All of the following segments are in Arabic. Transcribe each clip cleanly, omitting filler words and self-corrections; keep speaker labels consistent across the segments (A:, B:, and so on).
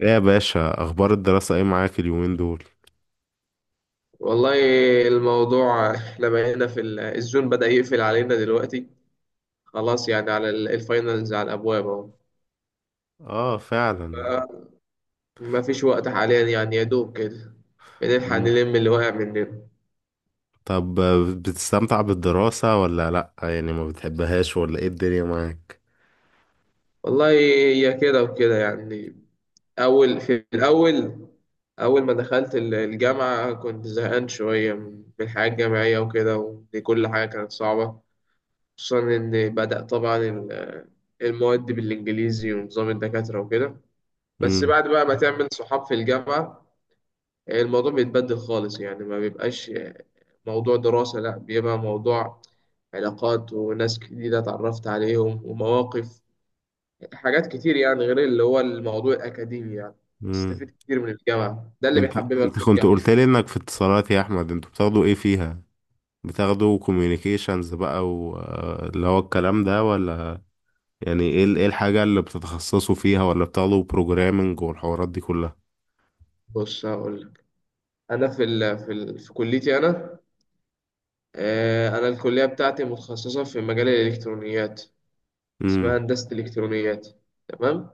A: ايه يا باشا، اخبار الدراسة ايه معاك اليومين دول؟
B: والله، الموضوع احنا بقينا في الزون بدأ يقفل علينا دلوقتي. خلاص يعني، على الفاينلز على الأبواب أهو.
A: اه،
B: ف-
A: فعلا.
B: مفيش وقت حاليا يعني، يا دوب كده بنلحق
A: مم.
B: نلم اللي واقع مننا.
A: طب، بتستمتع بالدراسة ولا لا؟ يعني ما بتحبهاش ولا ايه الدنيا معاك؟
B: والله هي كده وكده يعني. أول في الأول، أول ما دخلت الجامعة كنت زهقان شوية من الحياة الجامعية وكده، ودي كل حاجة كانت صعبة، خصوصا إن بدأ طبعا المواد بالإنجليزي ونظام الدكاترة وكده. بس
A: مم.
B: بعد بقى ما تعمل صحاب في الجامعة يعني الموضوع بيتبدل خالص يعني، ما بيبقاش موضوع دراسة، لا، بيبقى موضوع علاقات وناس جديدة اتعرفت عليهم ومواقف، حاجات كتير يعني غير اللي هو الموضوع الأكاديمي يعني
A: مم.
B: تستفيد كتير من الجامعة. ده اللي
A: انت
B: بيحببك
A: انت
B: في
A: كنت قلت
B: الجامعة.
A: لي انك في اتصالات يا احمد، انتوا بتاخدوا ايه فيها؟ بتاخدوا كوميونيكيشنز بقى واللي هو الكلام ده، ولا؟ يعني ايه ايه الحاجة اللي بتتخصصوا فيها، ولا بتاخدوا بروجرامنج والحوارات دي كلها؟
B: بص هقول لك، أنا في كليتي أنا. أنا الكلية بتاعتي متخصصة في مجال الإلكترونيات، اسمها
A: امم.
B: هندسة الإلكترونيات، تمام.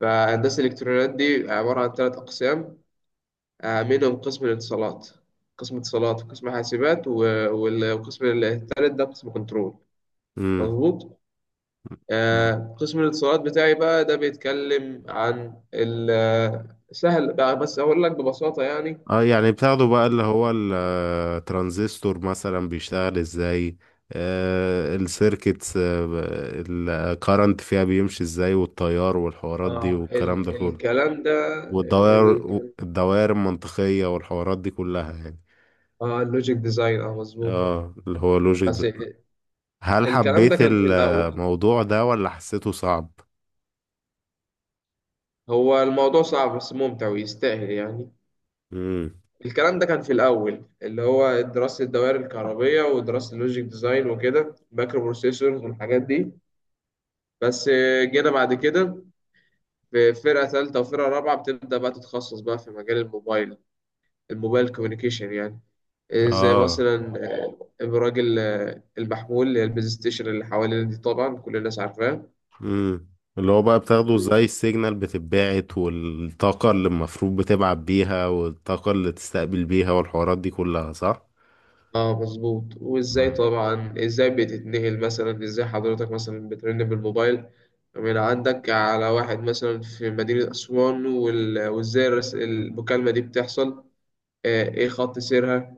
B: فهندسة الإلكترونيات دي عبارة عن ثلاث أقسام، منهم قسم الاتصالات. قسم اتصالات وقسم حاسبات والقسم الثالث ده قسم كنترول،
A: امم.
B: مظبوط. قسم الاتصالات بتاعي بقى ده بيتكلم عن سهل بقى بس أقول لك ببساطة يعني.
A: اه، يعني بتاخده بقى اللي هو الترانزستور مثلا بيشتغل ازاي؟ آه السيركتس، الكارنت فيها بيمشي ازاي، والتيار والحوارات دي
B: اه،
A: والكلام ده كله.
B: الكلام ده.
A: والدوائر
B: ال
A: الدوائر المنطقية والحوارات دي كلها يعني.
B: اه، اللوجيك ديزاين، اه، مظبوط،
A: اه، اللي هو لوجيك
B: بس.
A: ده. هل
B: الكلام
A: حبيت
B: ده كان في الأول.
A: الموضوع ده ولا حسيته صعب؟
B: هو الموضوع صعب بس ممتع ويستاهل يعني.
A: مم.
B: الكلام ده كان في الأول، اللي هو دراسة الدوائر الكهربية ودراسة اللوجيك ديزاين وكده، مايكرو بروسيسورز والحاجات دي. بس جينا بعد كده في فرقة ثالثة وفرقة رابعة بتبدأ بقى تتخصص بقى في مجال الموبايل، الموبايل كوميونيكيشن يعني. زي
A: اه.
B: مثلا، الراجل، المحمول، اللي هي البيز ستيشن اللي حوالينا دي، طبعا كل الناس عارفاه.
A: امم اللي هو بقى بتاخده زي السيجنال بتتبعت، والطاقة اللي المفروض بتبعت بيها، والطاقة اللي تستقبل بيها، والحوارات دي كلها، صح؟
B: اه مظبوط. وازاي
A: مم.
B: طبعا، ازاي بتتنقل، مثلا ازاي حضرتك مثلا بترن بالموبايل من عندك على واحد مثلا في مدينة أسوان، وازاي المكالمة دي بتحصل، ايه خط سيرها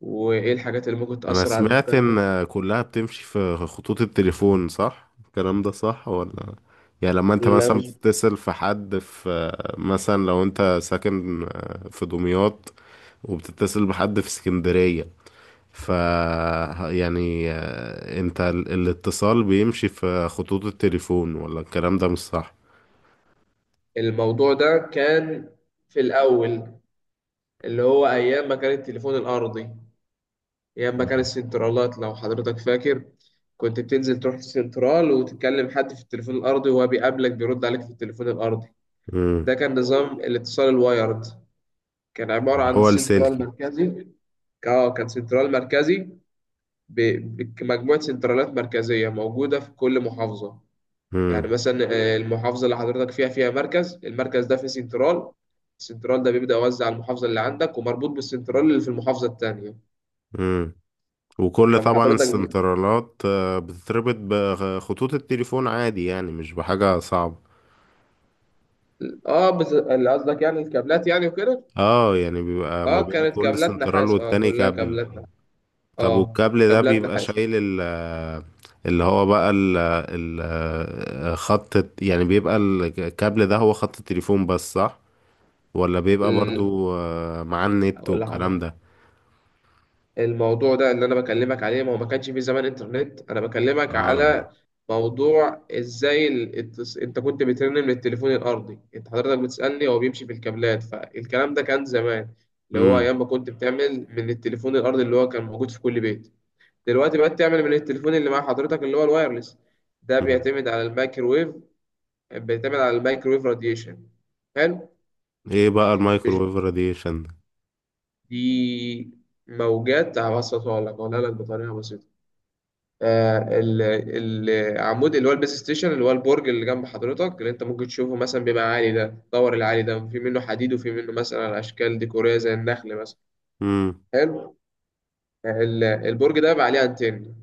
B: وايه الحاجات اللي ممكن
A: أنا
B: تأثر على
A: سمعت
B: المكالمة.
A: إن كلها بتمشي في خطوط التليفون، صح؟ الكلام ده صح ولا؟ يعني لما أنت
B: لا،
A: مثلا
B: مش.
A: بتتصل في حد في، مثلا لو أنت ساكن في دمياط وبتتصل بحد في اسكندرية، ف يعني آه، انت الاتصال بيمشي في خطوط التليفون، ولا الكلام ده مش صح؟
B: الموضوع ده كان في الأول، اللي هو أيام ما كان التليفون الأرضي، يا اما كان
A: مم.
B: السنترالات، لو حضرتك فاكر. كنت بتنزل تروح السنترال وتتكلم حد في التليفون الارضي وهو بيقابلك بيرد عليك في التليفون الارضي.
A: مم.
B: ده كان نظام الاتصال الوايرد، كان عبارة عن
A: هو
B: سنترال
A: السلكي.
B: مركزي. اه، كان سنترال مركزي، بمجموعة سنترالات مركزية موجودة في كل محافظة. يعني
A: مم.
B: مثلا، المحافظة اللي حضرتك فيها فيها مركز، المركز ده فيه سنترال. السنترال ده بيبدأ يوزع على المحافظة اللي عندك ومربوط بالسنترال اللي في المحافظة التانية.
A: مم. وكل
B: فلما
A: طبعا
B: حضرتك،
A: السنترالات بتتربط بخطوط التليفون عادي، يعني مش بحاجة صعبة.
B: اه بس اللي قصدك يعني الكابلات يعني وكده.
A: اه، يعني بيبقى ما
B: اه
A: بين
B: كانت
A: كل
B: كابلات
A: سنترال
B: نحاس، اه
A: والتاني
B: كلها
A: كابل.
B: كابلات نحاس،
A: طب
B: اه
A: والكابل ده
B: كابلات
A: بيبقى
B: نحاس.
A: شايل ال اللي هو بقى ال ال خط يعني بيبقى الكابل ده هو خط التليفون بس صح؟ ولا بيبقى
B: ال-
A: برضو آه، مع النت
B: اقول
A: والكلام
B: لحضرتك،
A: ده؟
B: الموضوع ده اللي انا بكلمك عليه، ما هو ما كانش في زمان انترنت. انا بكلمك
A: اه.
B: على موضوع ازاي انت كنت بترن من التليفون الارضي، انت حضرتك بتسالني هو بيمشي في الكابلات، فالكلام ده كان زمان، اللي هو
A: امم.
B: ايام ما كنت بتعمل من التليفون الارضي اللي هو كان موجود في كل بيت. دلوقتي بقت تعمل من التليفون اللي مع حضرتك اللي هو الوايرلس. ده
A: أمم.
B: بيعتمد على الميكروويف، بتعتمد على الميكرويف راديشن. حلو.
A: ايه بقى المايكروويف راديشن ده؟
B: دي موجات هبسطها لك، اقولها لك بطريقه بسيطه. آه، العمود اللي هو البيس ستيشن، اللي هو البرج اللي جنب حضرتك، اللي انت ممكن تشوفه مثلا، بيبقى عالي، ده دور العالي، ده في منه حديد وفي منه مثلا اشكال ديكوريه زي النخل مثلا.
A: امم.
B: حلو. البرج ده بقى عليه انتن.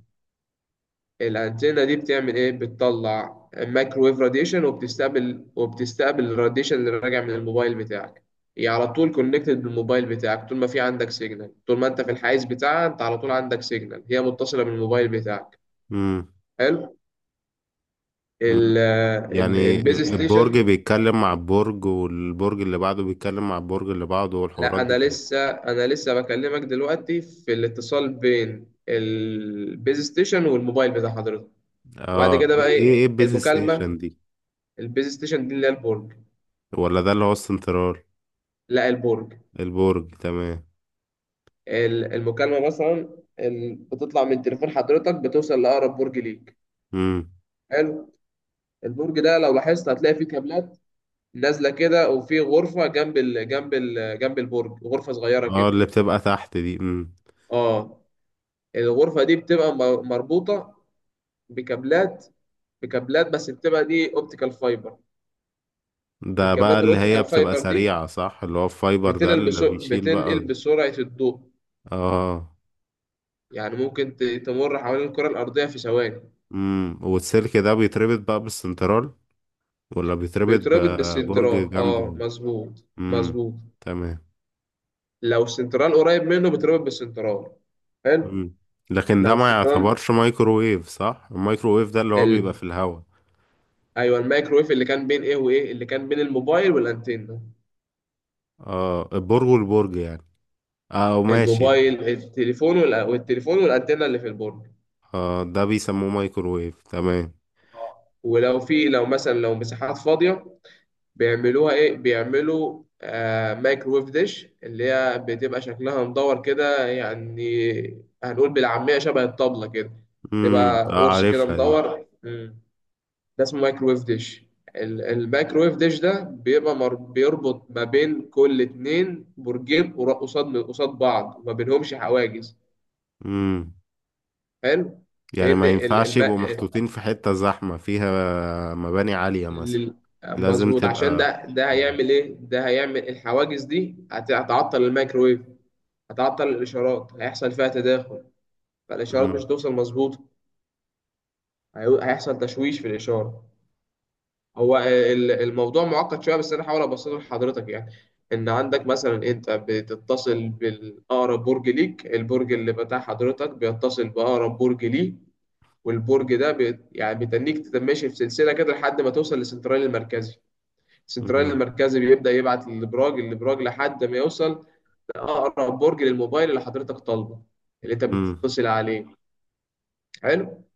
B: الأنتنة دي بتعمل إيه؟ بتطلع مايكرويف راديشن، وبتستقبل، وبتستقبل الراديشن اللي راجع من الموبايل بتاعك. هي على طول كونكتد بالموبايل بتاعك، طول ما في عندك سيجنال، طول ما أنت في الحيز بتاعها أنت على طول عندك سيجنال، هي متصلة بالموبايل بتاعك.
A: امم.
B: حلو.
A: أمم.
B: ال ال
A: يعني
B: البيز
A: البرج
B: ستيشن.
A: بيتكلم مع البرج، والبرج اللي بعده بيتكلم مع البرج اللي بعده،
B: لا،
A: والحوارات دي
B: أنا
A: كلها.
B: لسه أنا لسه بكلمك دلوقتي في الاتصال بين البيز ستيشن والموبايل بتاع حضرتك، وبعد
A: اه،
B: كده
A: ايه
B: بقى
A: ايه
B: إيه
A: إيه البيز
B: المكالمة.
A: ستيشن دي؟
B: البيز ستيشن دي اللي هي البرج.
A: ولا ده اللي هو السنترال؟
B: لا، البرج.
A: البرج، تمام.
B: المكالمة مثلا بتطلع من تليفون حضرتك، بتوصل لأقرب برج ليك.
A: امم.
B: حلو. البرج ده لو لاحظت هتلاقي فيه كابلات نازلة كده، وفي غرفة جنب ال جنب ال جنب البرج، غرفة صغيرة
A: اه،
B: كده.
A: اللي بتبقى تحت دي. امم.
B: اه. الغرفة دي بتبقى مربوطة بكابلات بكابلات بس بتبقى دي اوبتيكال فايبر.
A: ده بقى
B: الكابلات
A: اللي هي
B: الاوبتيكال
A: بتبقى
B: فايبر دي
A: سريعة صح؟ اللي هو الفايبر ده
B: بتنقل
A: اللي بيشيل بقى.
B: بتنقل بسرعة الضوء.
A: اه.
B: يعني ممكن تمر حوالين الكرة الأرضية في ثواني.
A: امم. والسلك ده بيتربط بقى بالسنترال، ولا بيتربط
B: بيتربط
A: ببرج
B: بالسنترال، اه
A: جنبه؟
B: مظبوط،
A: امم.
B: مظبوط.
A: تمام.
B: لو السنترال قريب منه بيتربط بالسنترال. حلو.
A: امم. لكن ده
B: لو
A: ما
B: السنترال
A: يعتبرش مايكروويف صح؟ المايكروويف ده اللي هو بيبقى
B: ال...
A: في الهواء.
B: ايوه، الميكرويف اللي كان بين ايه وايه، اللي كان بين الموبايل والانتنه،
A: اه، البرج والبرج يعني. اه، ماشي.
B: الموبايل، التليفون والتليفون والانتنه اللي في البرج.
A: اه، ده بيسموه مايكروويف، تمام.
B: ولو في، لو مثلا لو مساحات فاضيه، بيعملوها ايه، بيعملوا آه مايكرويف ديش، اللي هي بتبقى شكلها مدور كده، يعني هنقول بالعاميه شبه الطبله كده،
A: امم.
B: تبقى
A: آه،
B: قرص كده
A: عارفها دي.
B: مدور، ده اسمه مايكرويف ديش. المايكرويف ديش ده بيبقى بيربط ما بين كل اتنين برجين قصاد قصاد بعض وما بينهمش حواجز.
A: امم.
B: حلو.
A: يعني
B: لان
A: ما ينفعش يبقوا محطوطين في حتة زحمة فيها مباني عالية مثلا.
B: ال-
A: لازم
B: مظبوط، عشان
A: تبقى.
B: ده
A: امم.
B: هيعمل ايه، ده هيعمل الحواجز دي هتعطل المايكرويف، هتعطل الاشارات، هيحصل فيها تداخل، فالاشارات
A: امم.
B: مش هتوصل مظبوط، هيحصل تشويش في الاشاره. هو الموضوع معقد شويه بس انا هحاول ابسطه لحضرتك يعني. ان عندك مثلا، انت بتتصل بالاقرب برج ليك، البرج اللي بتاع حضرتك بيتصل باقرب برج ليه، والبرج ده يعني بيتنيك تتماشي في سلسله كده لحد ما توصل للسنترال المركزي. السنترال
A: امم.
B: المركزي بيبدا يبعت للابراج، الابراج لحد ما يوصل لاقرب برج للموبايل اللي حضرتك طالبه، اللي انت
A: امم.
B: بتتصل عليه. حلو.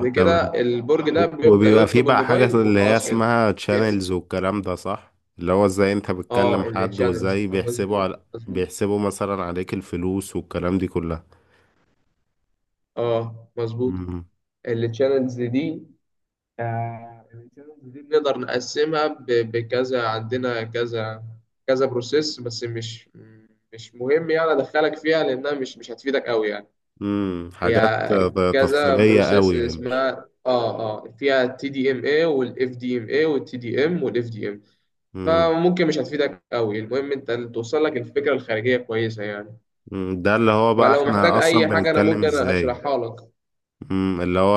A: آه، تمام.
B: كده البرج
A: و-
B: ده بيبدا
A: وبيبقى فيه
B: يطلب
A: بقى حاجة
B: الموبايل
A: اللي هي
B: وخلاص كده.
A: اسمها
B: بيحصل.
A: channels والكلام ده صح؟ اللي هو ازاي انت
B: اه،
A: بتكلم حد،
B: التشانلز،
A: وازاي
B: مظبوط، مظبوط،
A: بيحسبوا مثلا عليك الفلوس والكلام دي كلها.
B: اه مظبوط.
A: امم.
B: التشانلز دي، آه، التشانلز دي بنقدر نقسمها بكذا، عندنا كذا كذا بروسيس، بس مش مهم يعني ادخلك فيها لانها مش هتفيدك قوي يعني.
A: امم. حاجات
B: هي كذا
A: تفصيلية
B: بروسيس
A: قوي مش.
B: اسمها، اه، اه، فيها TDMA وFDMA وTDM وFDM.
A: امم.
B: فممكن مش هتفيدك قوي، المهم انت توصل لك الفكره الخارجيه كويسه يعني.
A: أمم. ده اللي هو بقى
B: فلو محتاج
A: احنا اصلا
B: اي حاجه انا
A: بنتكلم
B: ممكن
A: ازاي.
B: اشرحها لك.
A: اللي هو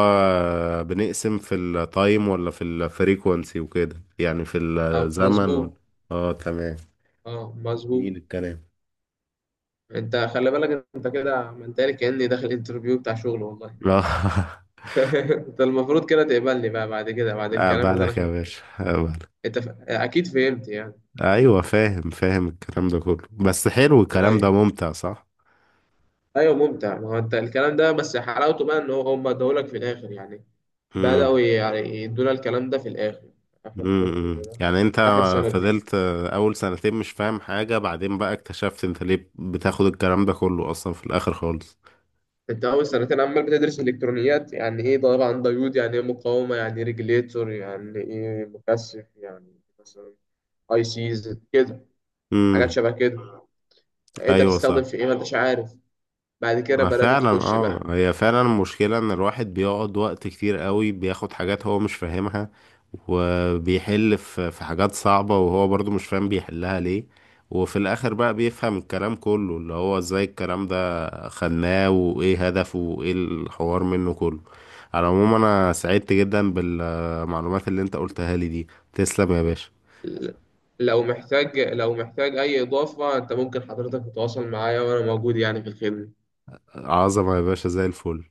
A: بنقسم في التايم ولا في الفريكونسي وكده، يعني في
B: اه
A: الزمن ولا.
B: مظبوط،
A: اه، تمام.
B: اه مظبوط.
A: جميل الكلام.
B: انت خلي بالك، انت كده منتهي كاني داخل انترفيو بتاع شغل، والله
A: لا.
B: انت المفروض كده تقبلني بقى بعد كده، بعد الكلام اللي انا
A: بالك يا
B: شرحته.
A: باشا.
B: انت اكيد فهمت يعني.
A: ايوه، فاهم، فاهم الكلام ده كله، بس حلو الكلام ده،
B: طيب.
A: ممتع صح.
B: ايوه ممتع، ما هو انت الكلام ده بس حلاوته بقى ان هم ادولك في الاخر يعني.
A: امم.
B: بدأوا يعني يدونا الكلام ده في الاخر، اخر ترم
A: امم.
B: كده،
A: يعني انت
B: اخر سنتين.
A: فضلت اول سنتين مش فاهم حاجة، بعدين بقى اكتشفت انت ليه بتاخد الكلام ده كله اصلا في الاخر خالص.
B: انت اول سنتين عمال بتدرس الكترونيات، يعني ايه طبعا ديود، يعني ايه مقاومه، يعني ايه ريجليتور، يعني ايه مكثف يعني، مثلا ICs كده، حاجات
A: امم.
B: شبه كده. انت
A: ايوه صح.
B: بتستخدم في ايه ما انتش عارف. بعد كده
A: ما
B: بدات
A: فعلا،
B: تخش
A: اه،
B: بقى.
A: هي فعلا المشكلة ان الواحد بيقعد وقت كتير قوي بياخد حاجات هو مش فاهمها، وبيحل في حاجات صعبة وهو برضو مش فاهم بيحلها ليه، وفي الاخر بقى بيفهم الكلام كله، اللي هو ازاي الكلام ده خلناه، وايه هدفه، وايه الحوار منه كله. على العموم، انا سعدت جدا بالمعلومات اللي انت قلتها لي دي. تسلم يا باشا.
B: لو محتاج، لو محتاج اي اضافه انت ممكن حضرتك تتواصل معايا، وانا موجود يعني في الخدمه.
A: عظمة يا باشا زي الفل.